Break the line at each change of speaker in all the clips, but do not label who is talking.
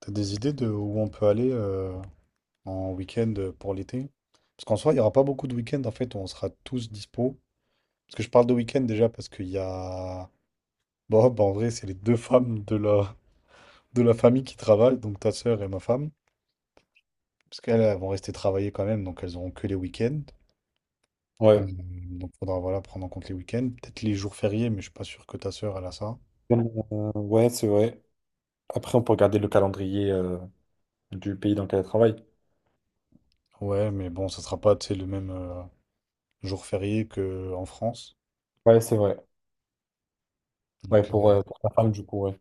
T'as des idées de où on peut aller en week-end pour l'été? Parce qu'en soi, il n'y aura pas beaucoup de week-ends en fait où on sera tous dispo. Parce que je parle de week-end déjà parce qu'il y a Bob, en vrai, c'est les deux femmes de la famille qui travaillent, donc ta sœur et ma femme. Parce qu'elles elles vont rester travailler quand même, donc elles n'auront que les week-ends.
Ouais,
Donc faudra voilà, prendre en compte les week-ends. Peut-être les jours fériés, mais je suis pas sûr que ta sœur elle a ça.
Ouais, c'est vrai. Après, on peut regarder le calendrier du pays dans lequel elle travaille.
Ouais, mais bon, ça sera pas tu sais, le même jour férié qu'en France.
Ouais, c'est vrai. Ouais,
Donc,
pour,
euh,
euh, pour ta femme, du coup, ouais.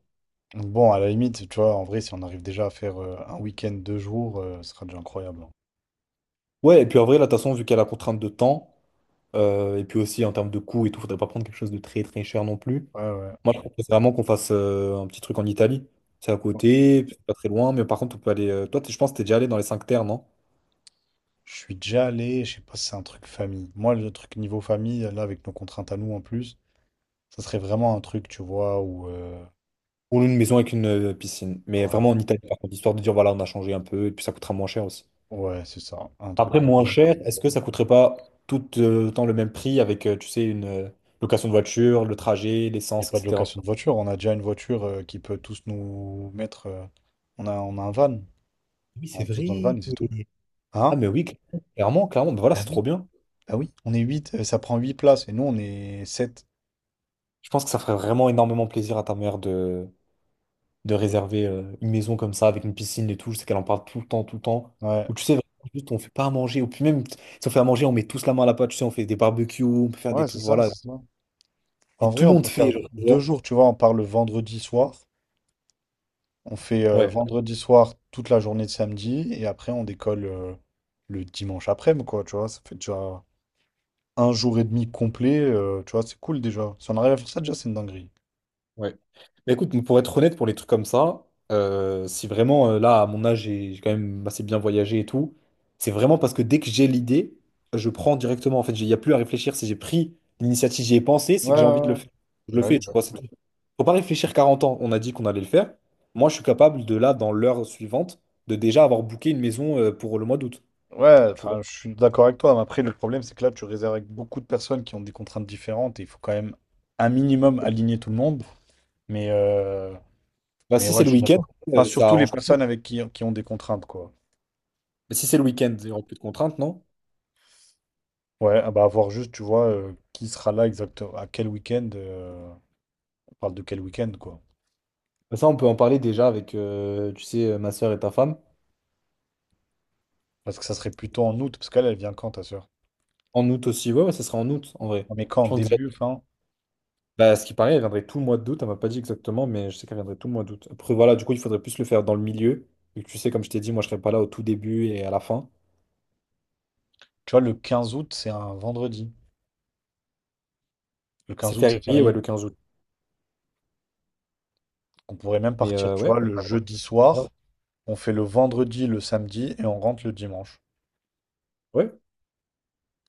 Bon, à la limite, tu vois, en vrai, si on arrive déjà à faire un week-end, 2 jours, ce sera déjà incroyable. Hein.
Ouais, et puis en vrai, là, de toute façon, vu qu'elle a la contrainte de temps, et puis aussi en termes de coût et tout, faudrait pas prendre quelque chose de très très cher non plus.
Ouais, ouais.
Moi, je propose vraiment qu'on fasse un petit truc en Italie. C'est à
Ouais.
côté, c'est pas très loin, mais par contre, on peut aller, toi, je pense que t'es déjà allé dans les 5 terres, non?
Je suis déjà allé, je sais pas si c'est un truc famille. Moi, le truc niveau famille, là, avec nos contraintes à nous en plus, ça serait vraiment un truc, tu vois, où.
Ou une maison avec une piscine. Mais
Voilà.
vraiment en Italie, par contre, histoire de dire, voilà, on a changé un peu, et puis ça coûtera moins cher aussi.
Ouais, c'est ça, un truc
Après,
comme t'as
moins
dit.
cher, est-ce que ça coûterait pas tout autant le même prix avec, tu sais, une location de voiture, le trajet,
Il n'y a
l'essence,
pas de
etc.
location de voiture, on a déjà une voiture qui peut tous nous mettre. On a un van,
Oui,
on
c'est
rentre tous dans le van
vrai.
et c'est tout.
Ah
Hein?
mais oui, clairement, clairement, bah, voilà, c'est
Bah
trop
oui.
bien.
Bah oui, on est 8. Ça prend 8 places et nous, on est sept.
Je pense que ça ferait vraiment énormément plaisir à ta mère de, réserver une maison comme ça, avec une piscine et tout. Je sais qu'elle en parle tout le temps, tout le temps.
Ouais,
Ou tu sais, vraiment, juste on fait pas à manger. Ou puis même, si on fait à manger, on met tous la main à la pâte, tu sais, on fait des barbecues, on peut faire des
ouais, c'est
trucs,
ça,
voilà.
c'est ça. En
Et tout
vrai,
le
on
monde
peut faire
fait, genre, tu
deux
vois.
jours, tu vois, on part le vendredi soir. On fait
Ouais.
vendredi soir toute la journée de samedi et après on décolle le dimanche après-midi, quoi, tu vois. Ça fait déjà un jour et demi complet, tu vois, c'est cool déjà. Si on arrive à faire ça déjà, c'est une dinguerie.
Ouais. Mais écoute, pour être honnête, pour les trucs comme ça, si vraiment là, à mon âge, j'ai quand même assez bien voyagé et tout, c'est vraiment parce que dès que j'ai l'idée, je prends directement. En fait, il n'y a plus à réfléchir. Si j'ai pris l'initiative, j'y ai pensé, c'est
Ouais,
que j'ai envie de
ouais,
le
ouais.
faire. Je le
Bah
fais,
oui,
tu
bah
vois,
oui.
c'est tout. Faut pas réfléchir 40 ans. On a dit qu'on allait le faire. Moi, je suis capable de là, dans l'heure suivante, de déjà avoir booké une maison pour le mois d'août.
Ouais,
Tu vois.
enfin, je suis d'accord avec toi, mais après, le problème, c'est que là, tu réserves avec beaucoup de personnes qui ont des contraintes différentes et il faut quand même un minimum aligner tout le monde. Mais, euh,
Bah,
mais
si
ouais,
c'est le
je suis
week-end,
d'accord. Enfin,
ça
surtout les
arrange.
personnes avec qui ont des contraintes, quoi.
Mais si c'est le week-end, il n'y aura plus de contraintes, non?
Ouais, ah bah avoir juste, tu vois, qui sera là exactement, à quel week-end, on parle de quel week-end, quoi.
Bah, ça, on peut en parler déjà avec, tu sais, ma soeur et ta femme.
Parce que ça serait plutôt en août, parce qu'elle, elle vient quand, ta soeur?
En août aussi, ouais, ouais, ça sera en août en vrai.
Mais
Je
quand,
pense que
début,
déjà,
fin?
bah, ce qui paraît, elle viendrait tout le mois d'août. Elle m'a pas dit exactement, mais je sais qu'elle viendrait tout le mois d'août. Après, voilà, du coup, il faudrait plus le faire dans le milieu. Vu que tu sais, comme je t'ai dit, moi, je serai pas là au tout début et à la fin.
Tu vois, le 15 août, c'est un vendredi. Le
C'est
15 août, c'est
férié, ouais,
férié.
le 15 août.
On pourrait même
Mais
partir, tu
ouais,
vois, le jeudi
ouais,
soir, on fait le vendredi, le samedi, et on rentre le dimanche.
ouais, ça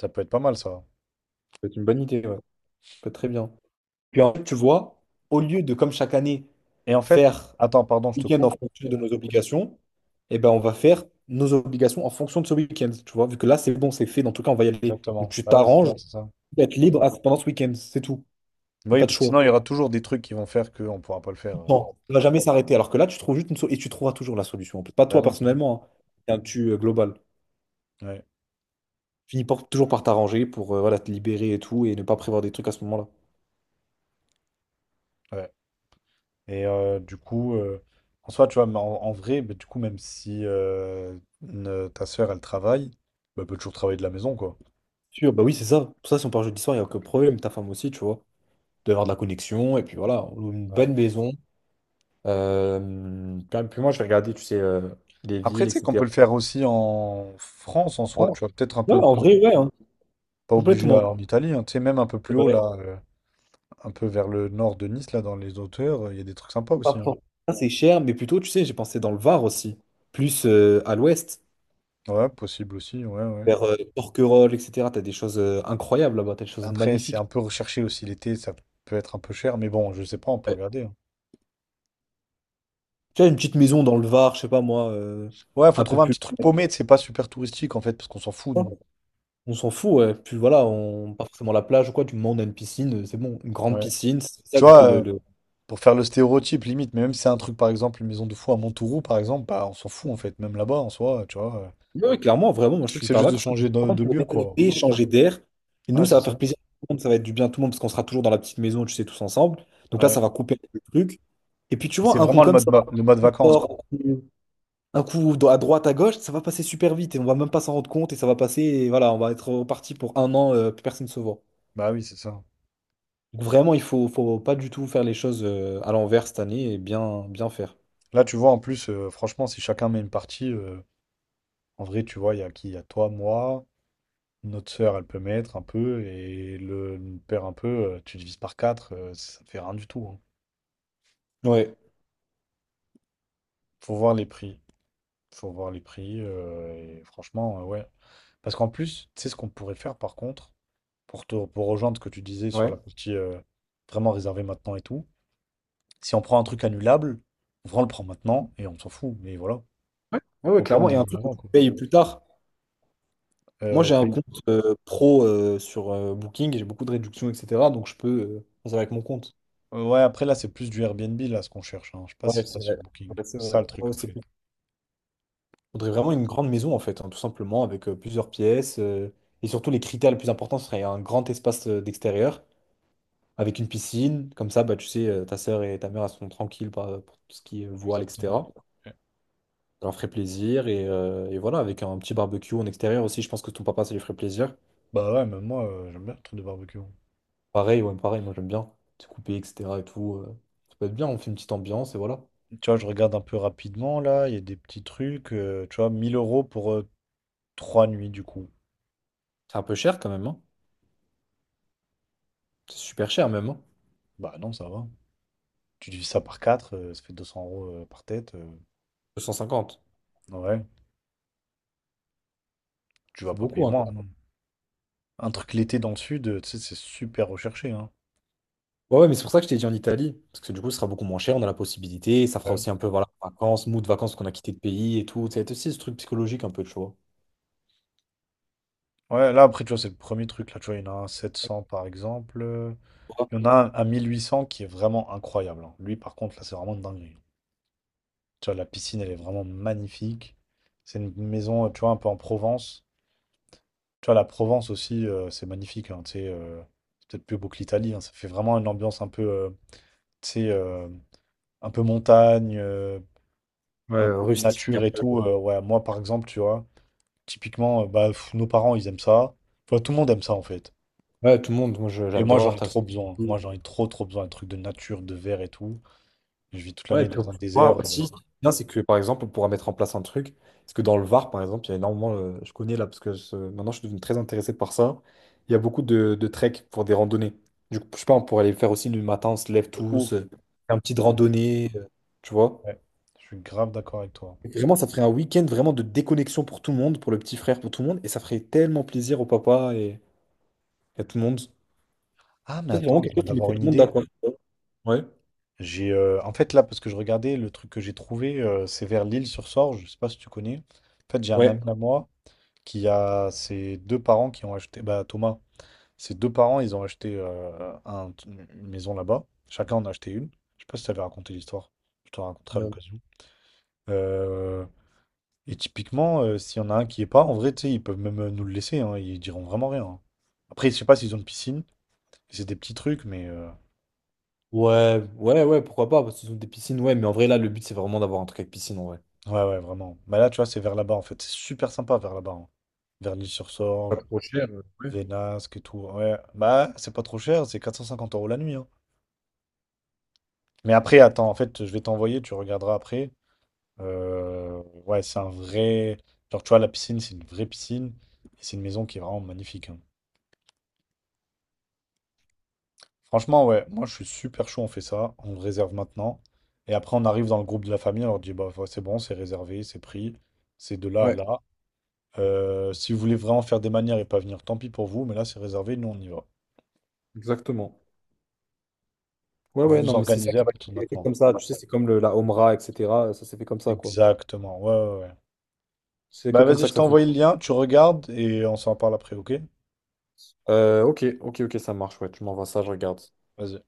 Ça peut être pas mal, ça.
peut être une bonne idée, ouais. Ça peut être très bien. Puis en fait, tu vois, au lieu de, comme chaque année,
Et en fait,
faire
attends, pardon, je te
week-end en
coupe.
fonction de nos obligations, eh ben, on va faire nos obligations en fonction de ce week-end, tu vois. Vu que là, c'est bon, c'est fait. Dans tout cas, on va y aller. Donc,
Exactement.
tu
Ah ouais, c'est ça,
t'arranges,
c'est ça.
être libre pendant ce week-end, c'est tout. Il n'y a
Oui,
pas de
parce que
choix.
sinon, il y aura toujours des trucs qui vont faire qu'on pourra pas le faire.
Bon, ça va jamais s'arrêter. Alors que là, tu trouves juste et tu trouveras toujours la solution, en plus. Pas
Bah
toi
oui, bah oui.
personnellement, hein. C'est un tu global.
Ouais,
Finis toujours par t'arranger pour voilà, te libérer et tout et ne pas prévoir des trucs à ce moment-là.
ouais. Du coup, en soi, tu vois, mais en, en vrai, bah, du coup, même si ta sœur, elle travaille, bah, elle peut toujours travailler de la maison, quoi.
Sûr, bah oui, c'est ça. Pour ça, si on part jeudi soir, il n'y a aucun problème. Ta femme aussi, tu vois. Il doit y avoir de la connexion. Et puis voilà, on loue une
Ouais.
bonne maison. Puis moi, je vais regarder, tu sais, les
Après,
villes,
tu sais qu'on
etc.
peut le faire aussi en France, en
En
soi,
France.
tu vois, peut-être un
Ouais,
peu
en
plus,
vrai, ouais, hein.
pas obligé
Complètement.
à- en Italie, hein, tu sais, même un peu plus haut, là, un peu vers le nord de Nice, là, dans les hauteurs, il y a des trucs sympas
Pas
aussi. Hein.
pour ça, c'est cher, mais plutôt, tu sais, j'ai pensé dans le Var aussi, plus à l'ouest,
Ouais, possible aussi, ouais, ouais.
vers Porquerolles, etc. T'as des choses incroyables là-bas, t'as des choses
Après, c'est
magnifiques.
un peu recherché aussi l'été, ça peut être un peu cher, mais bon, je sais pas, on peut
Ouais.
regarder. Hein.
Tu as une petite maison dans le Var, je sais pas moi,
Ouais, faut
un peu
trouver un
plus
petit truc paumé, c'est pas super touristique, en fait, parce qu'on s'en fout,
loin,
nous.
on s'en fout, ouais. Puis voilà, on pas forcément la plage ou quoi, du moment où on a une piscine, c'est bon, une grande
Ouais.
piscine, c'est ça
Tu
du coup
vois,
le... le-
pour faire le stéréotype limite, mais même si c'est un truc, par exemple, une maison de fou à Montauroux, par exemple, bah on s'en fout en fait, même là-bas en soi, tu vois.
Ouais, ouais, clairement, vraiment,
Le
moi je
truc,
suis
c'est
hyper
juste de
d'accord, parce que
changer
en fait,
de
pour
lieu, quoi.
déconnecter, changer d'air, et nous
Ouais,
ça
c'est
va
ça.
faire plaisir à tout le monde, ça va être du bien à tout le monde, parce qu'on sera toujours dans la petite maison, tu sais, tous ensemble, donc là ça
Ouais.
va couper le truc. Et puis tu
C'est
vois, un coup
vraiment le
comme
mode,
ça,
le mode
on
vacances, quoi.
sort un coup à droite, à gauche, ça va passer super vite et on va même pas s'en rendre compte et ça va passer et voilà, on va être reparti pour un an, plus personne se voit.
Bah oui, c'est ça.
Donc vraiment, faut pas du tout faire les choses à l'envers cette année et bien, bien faire.
Là, tu vois, en plus, franchement, si chacun met une partie, en vrai, tu vois, il y a qui? Il y a toi, moi, notre sœur, elle peut mettre un peu, et le père un peu, tu divises par quatre, ça te fait rien du tout. Hein.
Ouais,
Faut voir les prix. Faut voir les prix, et franchement, ouais. Parce qu'en plus, tu sais ce qu'on pourrait faire par contre, pour te, pour rejoindre ce que tu disais sur
ouais,
la partie vraiment réservée maintenant et tout, si on prend un truc annulable, on le prend maintenant et on s'en fout. Mais voilà,
ouais, ouais,
au,
ouais,
au pire, on
clairement. Et un
annule
truc que
l'avant,
tu
quoi.
payes plus tard. Moi,
Au
j'ai un
pays.
compte pro sur Booking et j'ai beaucoup de réductions, etc. Donc je peux faire ça avec mon compte.
Ouais, après là, c'est plus du Airbnb là ce qu'on cherche. Hein. Je sais pas
Ouais,
si
c'est
t'as sur
vrai.
Booking.
Ouais, c'est
C'est ça
vrai.
le truc
Ouais,
en
c'est
fait.
faudrait vraiment une grande maison en fait, hein, tout simplement, avec plusieurs pièces. Et surtout, les critères les plus importants seraient un grand espace d'extérieur, avec une piscine. Comme ça, bah, tu sais, ta sœur et ta mère elles seront tranquilles pour tout ce qui est voile,
Exactement.
etc.
Ouais.
Ça leur ferait plaisir. Et voilà, avec un petit barbecue en extérieur aussi, je pense que ton papa, ça lui ferait plaisir.
Bah ouais, même moi, j'aime bien le truc de barbecue. Hein.
Pareil, ouais, pareil, moi j'aime bien. C'est coupé, etc. et tout. Ça peut être bien, on fait une petite ambiance et voilà.
Tu vois, je regarde un peu rapidement là, il y a des petits trucs, tu vois, 1 000 euros pour 3 nuits du coup.
C'est un peu cher quand même, hein. C'est super cher même, hein.
Bah non, ça va. Tu divises ça par 4, ça fait 200 euros par tête.
250.
Ouais, tu vas
C'est
pas
beaucoup,
payer
hein,
moins. Hein. Un truc l'été dans le sud, tu sais, c'est super recherché. Hein.
ouais, ouais, mais c'est pour ça que je t'ai dit en Italie, parce que du coup, ce sera beaucoup moins cher, on a la possibilité, ça fera
Ouais.
aussi un peu, voilà, vacances, mood vacances qu'on a quitté le pays et tout, ça va être aussi ce truc psychologique un peu, tu vois.
Ouais, là après, tu vois, c'est le premier truc là, tu vois, il y en a un à 700 par exemple. Il y en a un à 1 800 qui est vraiment incroyable. Hein. Lui, par contre, là, c'est vraiment dingue. Tu vois, la piscine, elle est vraiment magnifique. C'est une maison, tu vois, un peu en Provence. Tu vois, la Provence aussi, c'est magnifique. Hein, tu sais, c'est peut-être plus beau que l'Italie. Hein, ça fait vraiment une ambiance un peu, tu sais, un peu montagne, un
Ouais,
peu
rustique un
nature et tout.
peu.
Ouais, moi, par exemple, tu vois, typiquement, bah, pff, nos parents, ils aiment ça. Tu vois, tout le monde aime ça, en fait.
Ouais, tout le monde, moi
Et moi, j'en
j'adore.
ai trop besoin. Moi, j'en ai trop, trop besoin. Un truc de nature, de verre et tout. Je vis toute
Ouais, et
l'année
puis on
dans un
pourra
désert.
aussi, ce qui est bien, c'est que par exemple, on pourra mettre en place un truc, parce que dans le Var, par exemple, il y a énormément, je connais là, parce que maintenant je suis devenu très intéressé par ça, il y a beaucoup de trek pour des randonnées. Du coup, je sais pas, on pourrait aller faire aussi le matin, on se lève
De
tous,
ouf.
un petit
de-
randonnée, tu vois.
Ouais, je suis grave d'accord avec toi.
Vraiment, ça ferait un week-end vraiment de déconnexion pour tout le monde, pour le petit frère, pour tout le monde, et ça ferait tellement plaisir au papa et à tout le monde. Ça,
Ah, mais
c'est vraiment
attends, je
quelque
viens
chose qui
d'avoir
mettrait tout
une
le monde
idée.
d'accord. Ouais,
J'ai, en fait, là, parce que je regardais, le truc que j'ai trouvé, c'est vers l'île sur Sorge. Je sais pas si tu connais. En fait, j'ai un
ouais.
ami à moi qui a ses deux parents qui ont acheté, bah, Thomas, ses deux parents, ils ont acheté une maison là-bas. Chacun en a acheté une. Je sais pas si t'avais raconté l'histoire. Je te la raconterai à
Euh,
l'occasion. Euh, et typiquement, s'il y en a un qui est pas, en vrai, tu sais, ils peuvent même nous le laisser. Hein, ils diront vraiment rien. Hein. Après, je sais pas s'ils ont une piscine. C'est des petits trucs, mais
ouais, ouais, ouais, pourquoi pas, parce que ce sont des piscines, ouais, mais en vrai, là, le but, c'est vraiment d'avoir un truc avec piscine, en vrai.
ouais, ouais, vraiment. Mais là, tu vois, c'est vers là-bas en fait. C'est super sympa vers là-bas. Hein. Vers
Pas
l'île-sur-Sorge,
trop cher, ouais.
Vénasque et tout. Ouais, bah, c'est pas trop cher. C'est 450 euros la nuit. Hein. Mais après, attends, en fait, je vais t'envoyer. Tu regarderas après. Ouais, c'est un vrai. Genre, tu vois, la piscine, c'est une vraie piscine. Et c'est une maison qui est vraiment magnifique. Hein. Franchement, ouais, moi, je suis super chaud, on fait ça. On le réserve maintenant. Et après, on arrive dans le groupe de la famille. On leur dit, bah, ouais, c'est bon, c'est réservé, c'est pris. C'est de là à
Ouais,
là. Si vous voulez vraiment faire des manières et pas venir, tant pis pour vous. Mais là, c'est réservé, nous, on y va.
exactement. Ouais,
Vous
ouais,
vous
non, mais c'est ça
organisez
qui
à
va
partir de
être
maintenant.
comme ça, tu sais, c'est comme la Omra, etc., ça s'est fait comme ça, quoi.
Exactement, ouais, ouais, ouais.
C'est que
Bah,
comme
vas-y,
ça
je
que
t'ai
ça fonctionne.
envoyé le lien, tu regardes et on s'en parle après, ok?
Ok, ok, ok, ça marche, ouais, tu m'envoies ça, je regarde.
Vas-y.